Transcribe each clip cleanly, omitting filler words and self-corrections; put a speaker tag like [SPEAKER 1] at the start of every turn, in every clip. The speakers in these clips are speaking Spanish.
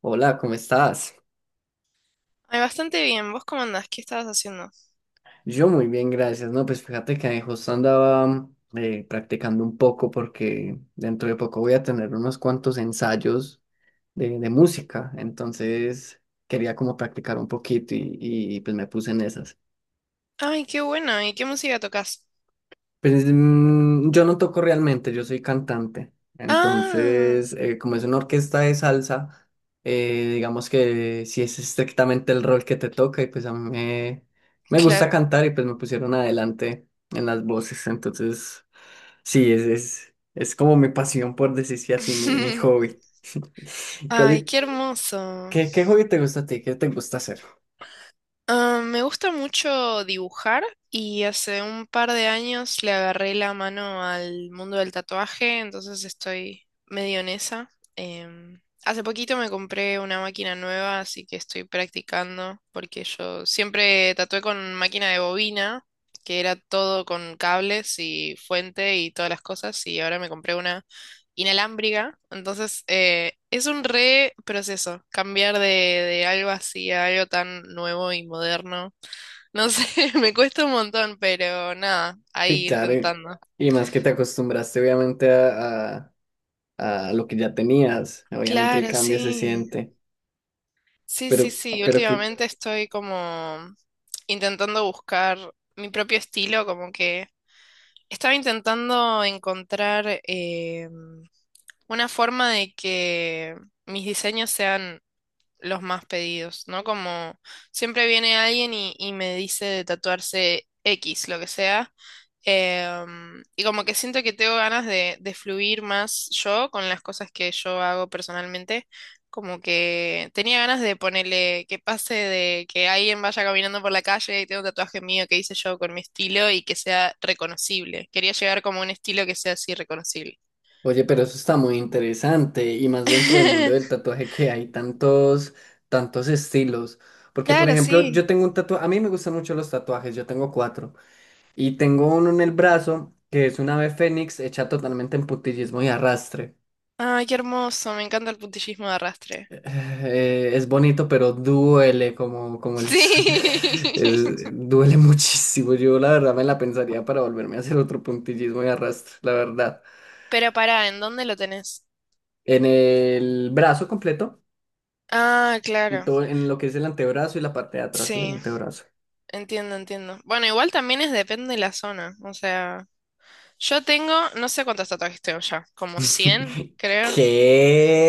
[SPEAKER 1] Hola, ¿cómo estás?
[SPEAKER 2] Ay, bastante bien. ¿Vos cómo andás? ¿Qué estabas haciendo?
[SPEAKER 1] Yo muy bien, gracias. No, pues fíjate que justo andaba practicando un poco porque dentro de poco voy a tener unos cuantos ensayos de música, entonces quería como practicar un poquito y pues me puse en esas.
[SPEAKER 2] Ay, qué bueno. ¿Y qué música tocas?
[SPEAKER 1] Pues yo no toco realmente, yo soy cantante.
[SPEAKER 2] Ah,
[SPEAKER 1] Entonces, como es una orquesta de salsa, digamos que si es estrictamente el rol que te toca, y pues a mí me gusta
[SPEAKER 2] claro.
[SPEAKER 1] cantar y pues me pusieron adelante en las voces. Entonces, sí, es como mi pasión, por decirse así, mi hobby. ¿Cuál
[SPEAKER 2] Ay,
[SPEAKER 1] es-
[SPEAKER 2] qué hermoso.
[SPEAKER 1] qué hobby te gusta a ti? ¿Qué te gusta hacer?
[SPEAKER 2] Ah, me gusta mucho dibujar y hace un par de años le agarré la mano al mundo del tatuaje, entonces estoy medio en esa. Hace poquito me compré una máquina nueva, así que estoy practicando porque yo siempre tatué con máquina de bobina, que era todo con cables y fuente y todas las cosas, y ahora me compré una inalámbrica, entonces es un re proceso cambiar de algo así a algo tan nuevo y moderno. No sé, me cuesta un montón, pero nada,
[SPEAKER 1] Sí,
[SPEAKER 2] ahí
[SPEAKER 1] claro,
[SPEAKER 2] intentando.
[SPEAKER 1] y más que te acostumbraste obviamente a lo que ya tenías. Obviamente el
[SPEAKER 2] Claro,
[SPEAKER 1] cambio se
[SPEAKER 2] sí.
[SPEAKER 1] siente,
[SPEAKER 2] Sí, sí,
[SPEAKER 1] pero,
[SPEAKER 2] sí.
[SPEAKER 1] pero que,
[SPEAKER 2] Últimamente estoy como intentando buscar mi propio estilo, como que estaba intentando encontrar una forma de que mis diseños sean los más pedidos, ¿no? Como siempre viene alguien y me dice de tatuarse X, lo que sea. Y como que siento que tengo ganas de fluir más yo con las cosas que yo hago personalmente. Como que tenía ganas de ponerle que pase de que alguien vaya caminando por la calle y tenga un tatuaje mío que hice yo con mi estilo y que sea reconocible. Quería llegar como a un estilo que sea así reconocible.
[SPEAKER 1] oye, pero eso está muy interesante y más dentro del mundo del tatuaje que hay tantos, tantos estilos. Porque, por
[SPEAKER 2] Claro,
[SPEAKER 1] ejemplo, yo
[SPEAKER 2] sí.
[SPEAKER 1] tengo un tatuaje, a mí me gustan mucho los tatuajes, yo tengo cuatro y tengo uno en el brazo que es una ave fénix hecha totalmente en puntillismo y arrastre.
[SPEAKER 2] Ay, qué hermoso. Me encanta el puntillismo de arrastre.
[SPEAKER 1] Es bonito, pero duele como
[SPEAKER 2] Sí.
[SPEAKER 1] duele muchísimo. Yo la verdad me la pensaría para volverme a hacer otro puntillismo y arrastre, la verdad.
[SPEAKER 2] Pero pará, ¿en dónde lo tenés?
[SPEAKER 1] En el brazo completo,
[SPEAKER 2] Ah,
[SPEAKER 1] en
[SPEAKER 2] claro.
[SPEAKER 1] todo, en lo que es el antebrazo y la parte de atrás del
[SPEAKER 2] Sí,
[SPEAKER 1] antebrazo.
[SPEAKER 2] entiendo, entiendo. Bueno, igual también es depende de la zona. O sea, yo tengo, no sé cuántos tatuajes tengo ya, como 100, creo.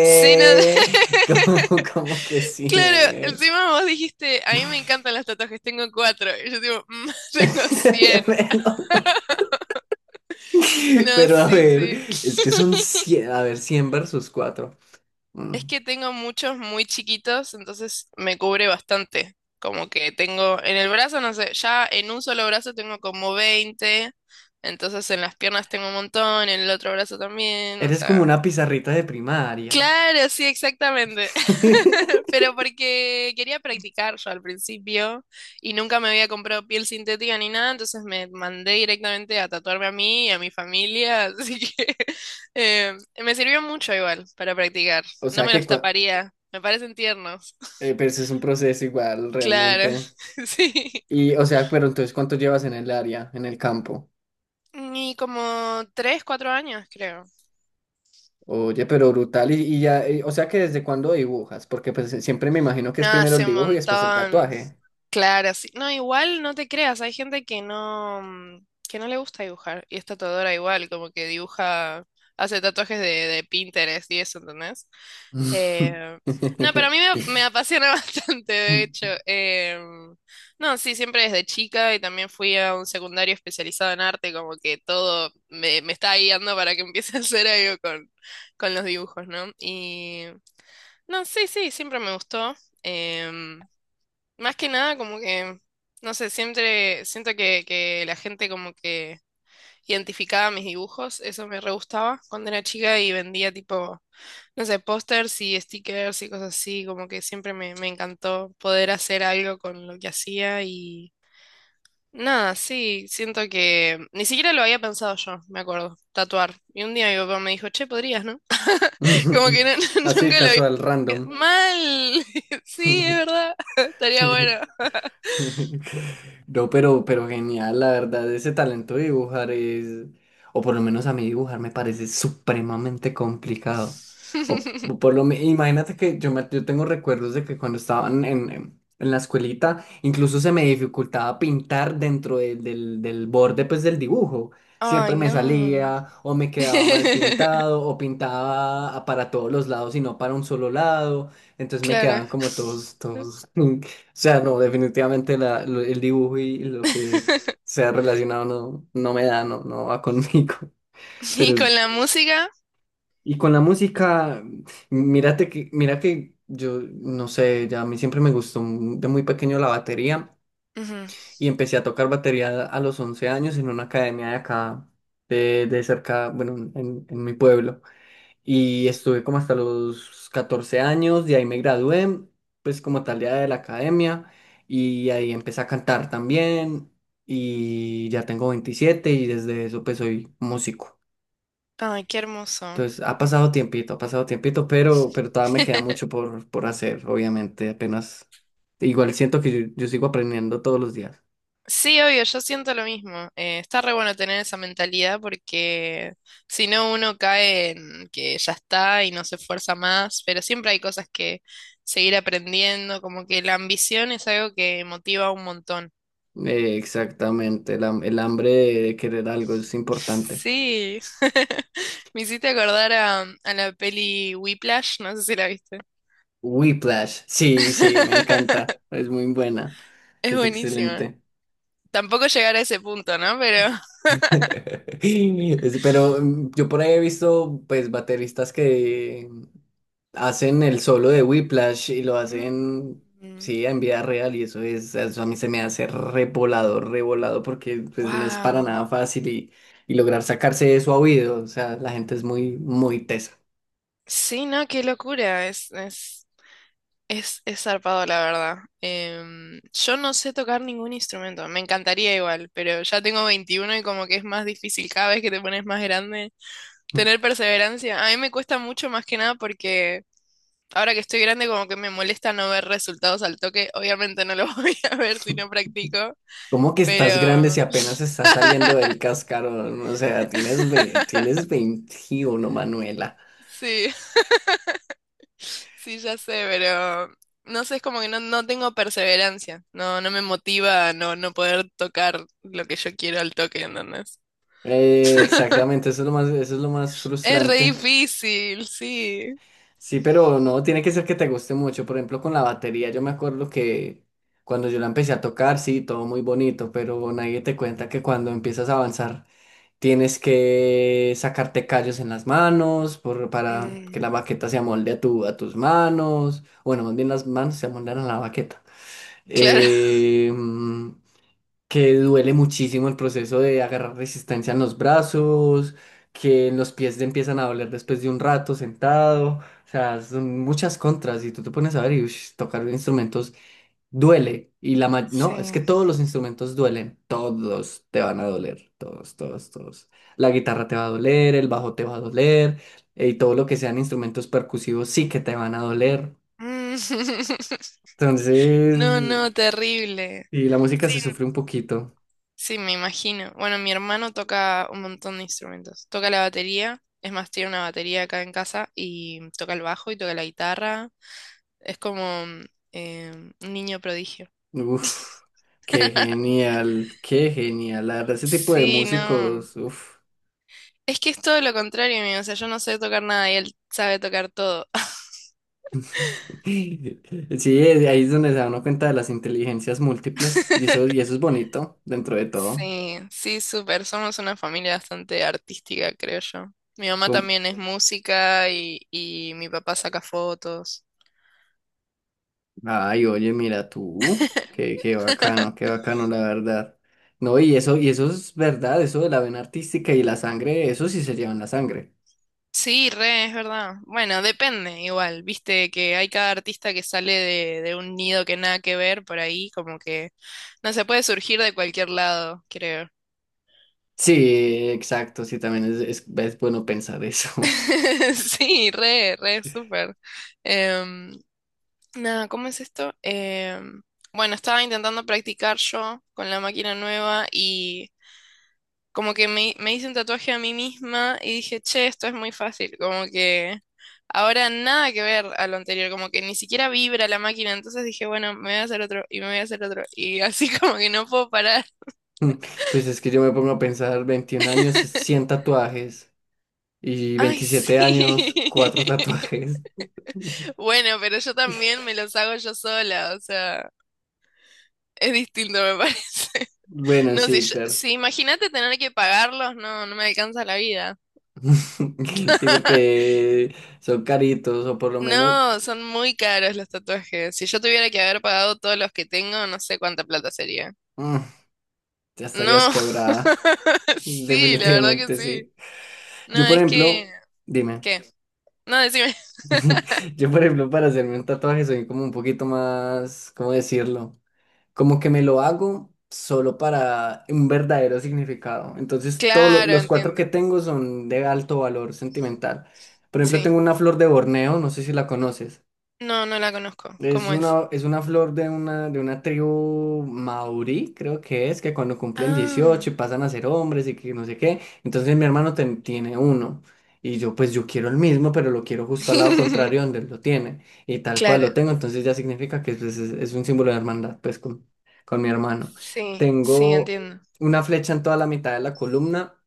[SPEAKER 2] Sí, no,
[SPEAKER 1] ¿Cómo que sí?
[SPEAKER 2] claro, encima vos dijiste, a mí me encantan los tatuajes, tengo cuatro. Y yo digo, "Mm, tengo 100".
[SPEAKER 1] Bueno,
[SPEAKER 2] No,
[SPEAKER 1] pero a
[SPEAKER 2] sí,
[SPEAKER 1] ver,
[SPEAKER 2] sí.
[SPEAKER 1] es que son 100 a ver, 100 versus cuatro. Mm.
[SPEAKER 2] Es que tengo muchos muy chiquitos, entonces me cubre bastante. Como que tengo en el brazo, no sé, ya en un solo brazo tengo como 20, entonces en las piernas tengo un montón, en el otro brazo también, o
[SPEAKER 1] Eres como
[SPEAKER 2] sea.
[SPEAKER 1] una pizarrita de primaria.
[SPEAKER 2] Claro, sí, exactamente. Pero porque quería practicar yo al principio y nunca me había comprado piel sintética ni nada, entonces me mandé directamente a tatuarme a mí y a mi familia, así que me sirvió mucho igual para practicar.
[SPEAKER 1] O
[SPEAKER 2] No
[SPEAKER 1] sea
[SPEAKER 2] me
[SPEAKER 1] que,
[SPEAKER 2] los
[SPEAKER 1] cua-
[SPEAKER 2] taparía, me parecen tiernos.
[SPEAKER 1] pero eso es un proceso igual
[SPEAKER 2] Claro,
[SPEAKER 1] realmente.
[SPEAKER 2] sí.
[SPEAKER 1] Y, o sea, pero entonces, ¿cuánto llevas en el área, en el campo?
[SPEAKER 2] Y como 3, 4 años, creo.
[SPEAKER 1] Oye, pero brutal. Y ya, o sea que ¿desde cuándo dibujas? Porque pues siempre me imagino que
[SPEAKER 2] No,
[SPEAKER 1] es primero el
[SPEAKER 2] hace un
[SPEAKER 1] dibujo y después el
[SPEAKER 2] montón.
[SPEAKER 1] tatuaje.
[SPEAKER 2] Claro, sí. No, igual no te creas, hay gente que no, que no le gusta dibujar y es tatuadora igual, como que dibuja, hace tatuajes de Pinterest y eso, ¿entendés? Eh, no, pero a mí me apasiona bastante, de hecho. No, sí, siempre desde chica y también fui a un secundario especializado en arte, como que todo me está guiando para que empiece a hacer algo con los dibujos, ¿no? Y no, sí, sí, siempre me gustó. em, Más que nada, como que, no sé, siempre siento que la gente como que identificaba mis dibujos, eso me re gustaba cuando era chica y vendía tipo, no sé, pósters y stickers y cosas así, como que siempre me encantó poder hacer algo con lo que hacía y nada, sí, siento que ni siquiera lo había pensado yo, me acuerdo, tatuar. Y un día mi papá me dijo, che, podrías, ¿no? Como que no-
[SPEAKER 1] Así,
[SPEAKER 2] nunca lo había...
[SPEAKER 1] casual, random.
[SPEAKER 2] Mal, sí, es verdad, estaría bueno.
[SPEAKER 1] No, pero genial, la verdad, ese talento de dibujar es, o por lo menos a mí dibujar me parece supremamente complicado. O, imagínate que yo tengo recuerdos de que cuando estaba en la escuelita, incluso se me dificultaba pintar dentro del borde pues del dibujo. Siempre
[SPEAKER 2] Ay,
[SPEAKER 1] me
[SPEAKER 2] no.
[SPEAKER 1] salía o me quedaba mal pintado o pintaba para todos los lados y no para un solo lado. Entonces me
[SPEAKER 2] Claro.
[SPEAKER 1] quedaban como todos, todos. sea, no, definitivamente el dibujo y lo que sea relacionado no, no me da, no, no va conmigo.
[SPEAKER 2] Y
[SPEAKER 1] Pero,
[SPEAKER 2] con la música.
[SPEAKER 1] y con la música, mira que yo, no sé, ya a mí siempre me gustó de muy pequeño la batería
[SPEAKER 2] Ujú.
[SPEAKER 1] y empecé a tocar batería a los 11 años en una academia de acá, de cerca, bueno, en mi pueblo. Y estuve como hasta los 14 años, de ahí me gradué, pues como tal ya de la academia, y ahí empecé a cantar también, y ya tengo 27 y desde eso pues soy músico.
[SPEAKER 2] Ay, qué hermoso.
[SPEAKER 1] Entonces ha pasado tiempito, pero todavía me queda mucho por hacer, obviamente, apenas. Igual siento que yo sigo aprendiendo todos los días.
[SPEAKER 2] Sí, obvio, yo siento lo mismo. Está re bueno tener esa mentalidad porque si no uno cae en que ya está y no se esfuerza más, pero siempre hay cosas que seguir aprendiendo, como que la ambición es algo que motiva un montón.
[SPEAKER 1] Exactamente, el hambre de querer algo es importante.
[SPEAKER 2] Sí, me hiciste acordar a la peli Whiplash, no sé si la viste.
[SPEAKER 1] Whiplash, sí, sí, me encanta, es muy buena,
[SPEAKER 2] Es
[SPEAKER 1] es
[SPEAKER 2] buenísima.
[SPEAKER 1] excelente.
[SPEAKER 2] Tampoco llegar a ese punto, ¿no? Pero...
[SPEAKER 1] Pero yo por ahí he visto pues bateristas que hacen el solo de Whiplash y lo hacen
[SPEAKER 2] Mm,
[SPEAKER 1] sí en vida real y eso es eso a mí se me hace revolado, revolado porque pues no es para
[SPEAKER 2] wow.
[SPEAKER 1] nada fácil y lograr sacarse eso a oído, o sea, la gente es muy muy tesa.
[SPEAKER 2] Sí, no, qué locura. Es zarpado, la verdad. Yo no sé tocar ningún instrumento. Me encantaría igual, pero ya tengo 21 y como que es más difícil cada vez que te pones más grande. Tener perseverancia. A mí me cuesta mucho más que nada porque... Ahora que estoy grande, como que me molesta no ver resultados al toque. Obviamente no los voy a ver si no practico,
[SPEAKER 1] ¿Cómo que estás grande si
[SPEAKER 2] pero
[SPEAKER 1] apenas estás saliendo del cascarón? O sea, tienes 21 Manuela.
[SPEAKER 2] sí, sí, ya sé, pero no sé, es como que no, no tengo perseverancia. No, no me motiva a no, no poder tocar lo que yo quiero al toque, ¿entendés?
[SPEAKER 1] Exactamente, eso es lo más, eso es lo más
[SPEAKER 2] Es re
[SPEAKER 1] frustrante.
[SPEAKER 2] difícil, sí.
[SPEAKER 1] Sí, pero no, tiene que ser que te guste mucho. Por ejemplo, con la batería, yo me acuerdo que cuando yo la empecé a tocar, sí, todo muy bonito, pero nadie te cuenta que cuando empiezas a avanzar, tienes que sacarte callos en las manos para que la
[SPEAKER 2] Mm,
[SPEAKER 1] baqueta se amolde a tus manos. Bueno, más bien las manos se amoldan a la baqueta.
[SPEAKER 2] claro.
[SPEAKER 1] eh, mm, que duele muchísimo el proceso de agarrar resistencia en los brazos, que en los pies te empiezan a doler después de un rato sentado, o sea, son muchas contras y tú te pones a ver y ush, tocar instrumentos duele y
[SPEAKER 2] Sí.
[SPEAKER 1] no, es que todos los instrumentos duelen, todos te van a doler, todos, todos, todos. La guitarra te va a doler, el bajo te va a doler y todo lo que sean instrumentos percusivos sí que te van a doler.
[SPEAKER 2] Mm,
[SPEAKER 1] Entonces,
[SPEAKER 2] no, no, terrible.
[SPEAKER 1] y la música
[SPEAKER 2] Sí,
[SPEAKER 1] se sufre un poquito.
[SPEAKER 2] sí, me imagino. Bueno, mi hermano toca un montón de instrumentos. Toca la batería, es más, tiene una batería acá en casa y toca el bajo y toca la guitarra. Es como eh, un niño prodigio.
[SPEAKER 1] Uf, qué genial, qué genial. La verdad, ese tipo de
[SPEAKER 2] Sí, no.
[SPEAKER 1] músicos, uf.
[SPEAKER 2] Es que es todo lo contrario mío, o sea, yo no sé tocar nada y él sabe tocar todo.
[SPEAKER 1] Sí, ahí es donde se da uno cuenta de las inteligencias múltiples. Y eso es bonito dentro de todo.
[SPEAKER 2] Sí, sí, súper. Somos una familia bastante artística, creo yo. Mi mamá
[SPEAKER 1] Como-
[SPEAKER 2] también es música y mi papá saca fotos.
[SPEAKER 1] Ay, oye, mira tú. Qué bacano, qué bacano, la verdad. No, y eso es verdad, eso de la vena artística y la sangre, eso sí se lleva en la sangre.
[SPEAKER 2] Sí, re, es verdad. Bueno, depende igual, viste que hay cada artista que sale de un nido que nada que ver por ahí, como que no se puede surgir de cualquier lado, creo.
[SPEAKER 1] Sí, exacto, sí, también es, es bueno pensar eso.
[SPEAKER 2] Sí, re, re, súper. Em, Nada, ¿cómo es esto? Bueno, estaba intentando practicar yo con la máquina nueva y como que me hice un tatuaje a mí misma y dije, che, esto es muy fácil. Como que ahora nada que ver a lo anterior, como que ni siquiera vibra la máquina. Entonces dije, bueno, me voy a hacer otro y me voy a hacer otro. Y así como que no puedo parar.
[SPEAKER 1] Mm, pues es que yo me pongo a pensar, 21 años, 100 tatuajes y
[SPEAKER 2] Ay,
[SPEAKER 1] 27
[SPEAKER 2] sí.
[SPEAKER 1] años, 4 tatuajes.
[SPEAKER 2] Bueno, pero yo también me los hago yo sola, o sea, es distinto, me parece.
[SPEAKER 1] Bueno,
[SPEAKER 2] No, si,
[SPEAKER 1] sí,
[SPEAKER 2] yo-
[SPEAKER 1] claro.
[SPEAKER 2] si imagínate tener que pagarlos, no, no me alcanza la vida.
[SPEAKER 1] Sí, porque son caritos o por lo menos
[SPEAKER 2] No, son muy caros los tatuajes. Si yo tuviera que haber pagado todos los que tengo, no sé cuánta plata sería.
[SPEAKER 1] mm, ya estarías
[SPEAKER 2] No,
[SPEAKER 1] quebrada.
[SPEAKER 2] sí, la verdad que
[SPEAKER 1] Definitivamente
[SPEAKER 2] sí.
[SPEAKER 1] sí.
[SPEAKER 2] No,
[SPEAKER 1] Yo, por
[SPEAKER 2] es que...
[SPEAKER 1] ejemplo, dime.
[SPEAKER 2] ¿Qué? No, decime.
[SPEAKER 1] Yo, por ejemplo, para hacerme un tatuaje soy como un poquito más, ¿cómo decirlo? Como que me lo hago solo para un verdadero significado. Entonces, todos
[SPEAKER 2] Claro,
[SPEAKER 1] los cuatro
[SPEAKER 2] entiendo.
[SPEAKER 1] que tengo son de alto valor sentimental. Por ejemplo,
[SPEAKER 2] Sí.
[SPEAKER 1] tengo una flor de Borneo, no sé si la conoces.
[SPEAKER 2] No, no la conozco. ¿Cómo es?
[SPEAKER 1] Es una flor de una tribu maurí, creo que es, que cuando cumplen
[SPEAKER 2] Ah,
[SPEAKER 1] 18 y pasan a ser hombres y que no sé qué. Entonces mi hermano tiene uno. Y yo, pues yo quiero el mismo, pero lo quiero justo al lado contrario donde él lo tiene. Y tal cual lo
[SPEAKER 2] claro.
[SPEAKER 1] tengo, entonces ya significa que pues, es un símbolo de hermandad, pues con mi hermano.
[SPEAKER 2] Sí, sí,
[SPEAKER 1] Tengo
[SPEAKER 2] entiendo.
[SPEAKER 1] una flecha en toda la mitad de la columna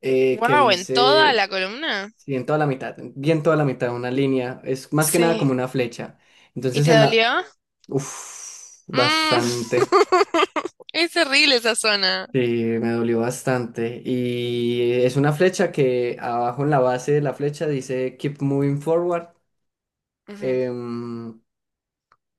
[SPEAKER 1] que
[SPEAKER 2] Wow, ¿en toda la
[SPEAKER 1] dice,
[SPEAKER 2] columna?
[SPEAKER 1] sí, en toda la mitad, bien toda la mitad, una línea. Es más que nada
[SPEAKER 2] Sí.
[SPEAKER 1] como una flecha.
[SPEAKER 2] ¿Y
[SPEAKER 1] Entonces
[SPEAKER 2] te
[SPEAKER 1] en la,
[SPEAKER 2] dolió?
[SPEAKER 1] Uf, bastante.
[SPEAKER 2] Mm. Es terrible esa zona.
[SPEAKER 1] Sí, me dolió bastante. Y es una flecha que abajo en la base de la flecha dice Keep Moving Forward.
[SPEAKER 2] Ujú.
[SPEAKER 1] Em,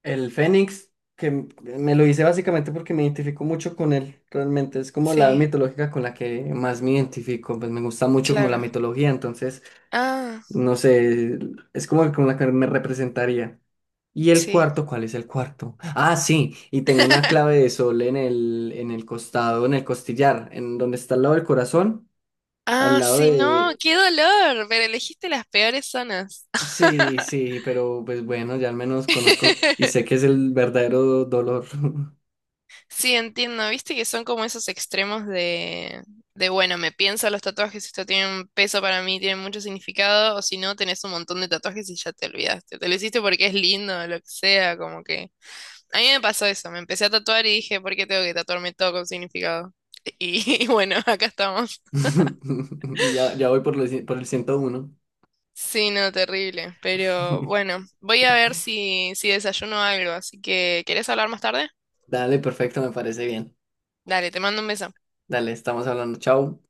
[SPEAKER 1] el Fénix, que me lo hice básicamente porque me identifico mucho con él. Realmente es como la
[SPEAKER 2] Sí,
[SPEAKER 1] mitológica con la que más me identifico. Pues me gusta mucho como la
[SPEAKER 2] claro.
[SPEAKER 1] mitología. Entonces,
[SPEAKER 2] Ah,
[SPEAKER 1] no sé, es como con la que me representaría. ¿Y el
[SPEAKER 2] sí.
[SPEAKER 1] cuarto? ¿Cuál es el cuarto? Ah, sí, y tengo una clave de sol en el costado, en el costillar, en donde está al lado del corazón, al
[SPEAKER 2] Ah,
[SPEAKER 1] lado
[SPEAKER 2] sí, no,
[SPEAKER 1] de...
[SPEAKER 2] qué dolor, pero elegiste las peores zonas.
[SPEAKER 1] Sí, sí, pero pues bueno, ya al menos conozco y sé que es el verdadero dolor.
[SPEAKER 2] Sí, entiendo, viste que son como esos extremos de bueno, me pienso los tatuajes, esto tiene un peso para mí, tiene mucho significado, o si no, tenés un montón de tatuajes y ya te olvidaste. Te lo hiciste porque es lindo, lo que sea, como que... A mí me pasó eso, me empecé a tatuar y dije, ¿por qué tengo que tatuarme todo con significado? Y bueno, acá estamos.
[SPEAKER 1] Ya, ya voy por el 101.
[SPEAKER 2] Sí, no, terrible. Pero bueno, voy a ver si desayuno algo. Así que, ¿querés hablar más tarde?
[SPEAKER 1] Dale, perfecto, me parece bien.
[SPEAKER 2] Dale, te mando un beso.
[SPEAKER 1] Dale, estamos hablando. Chao.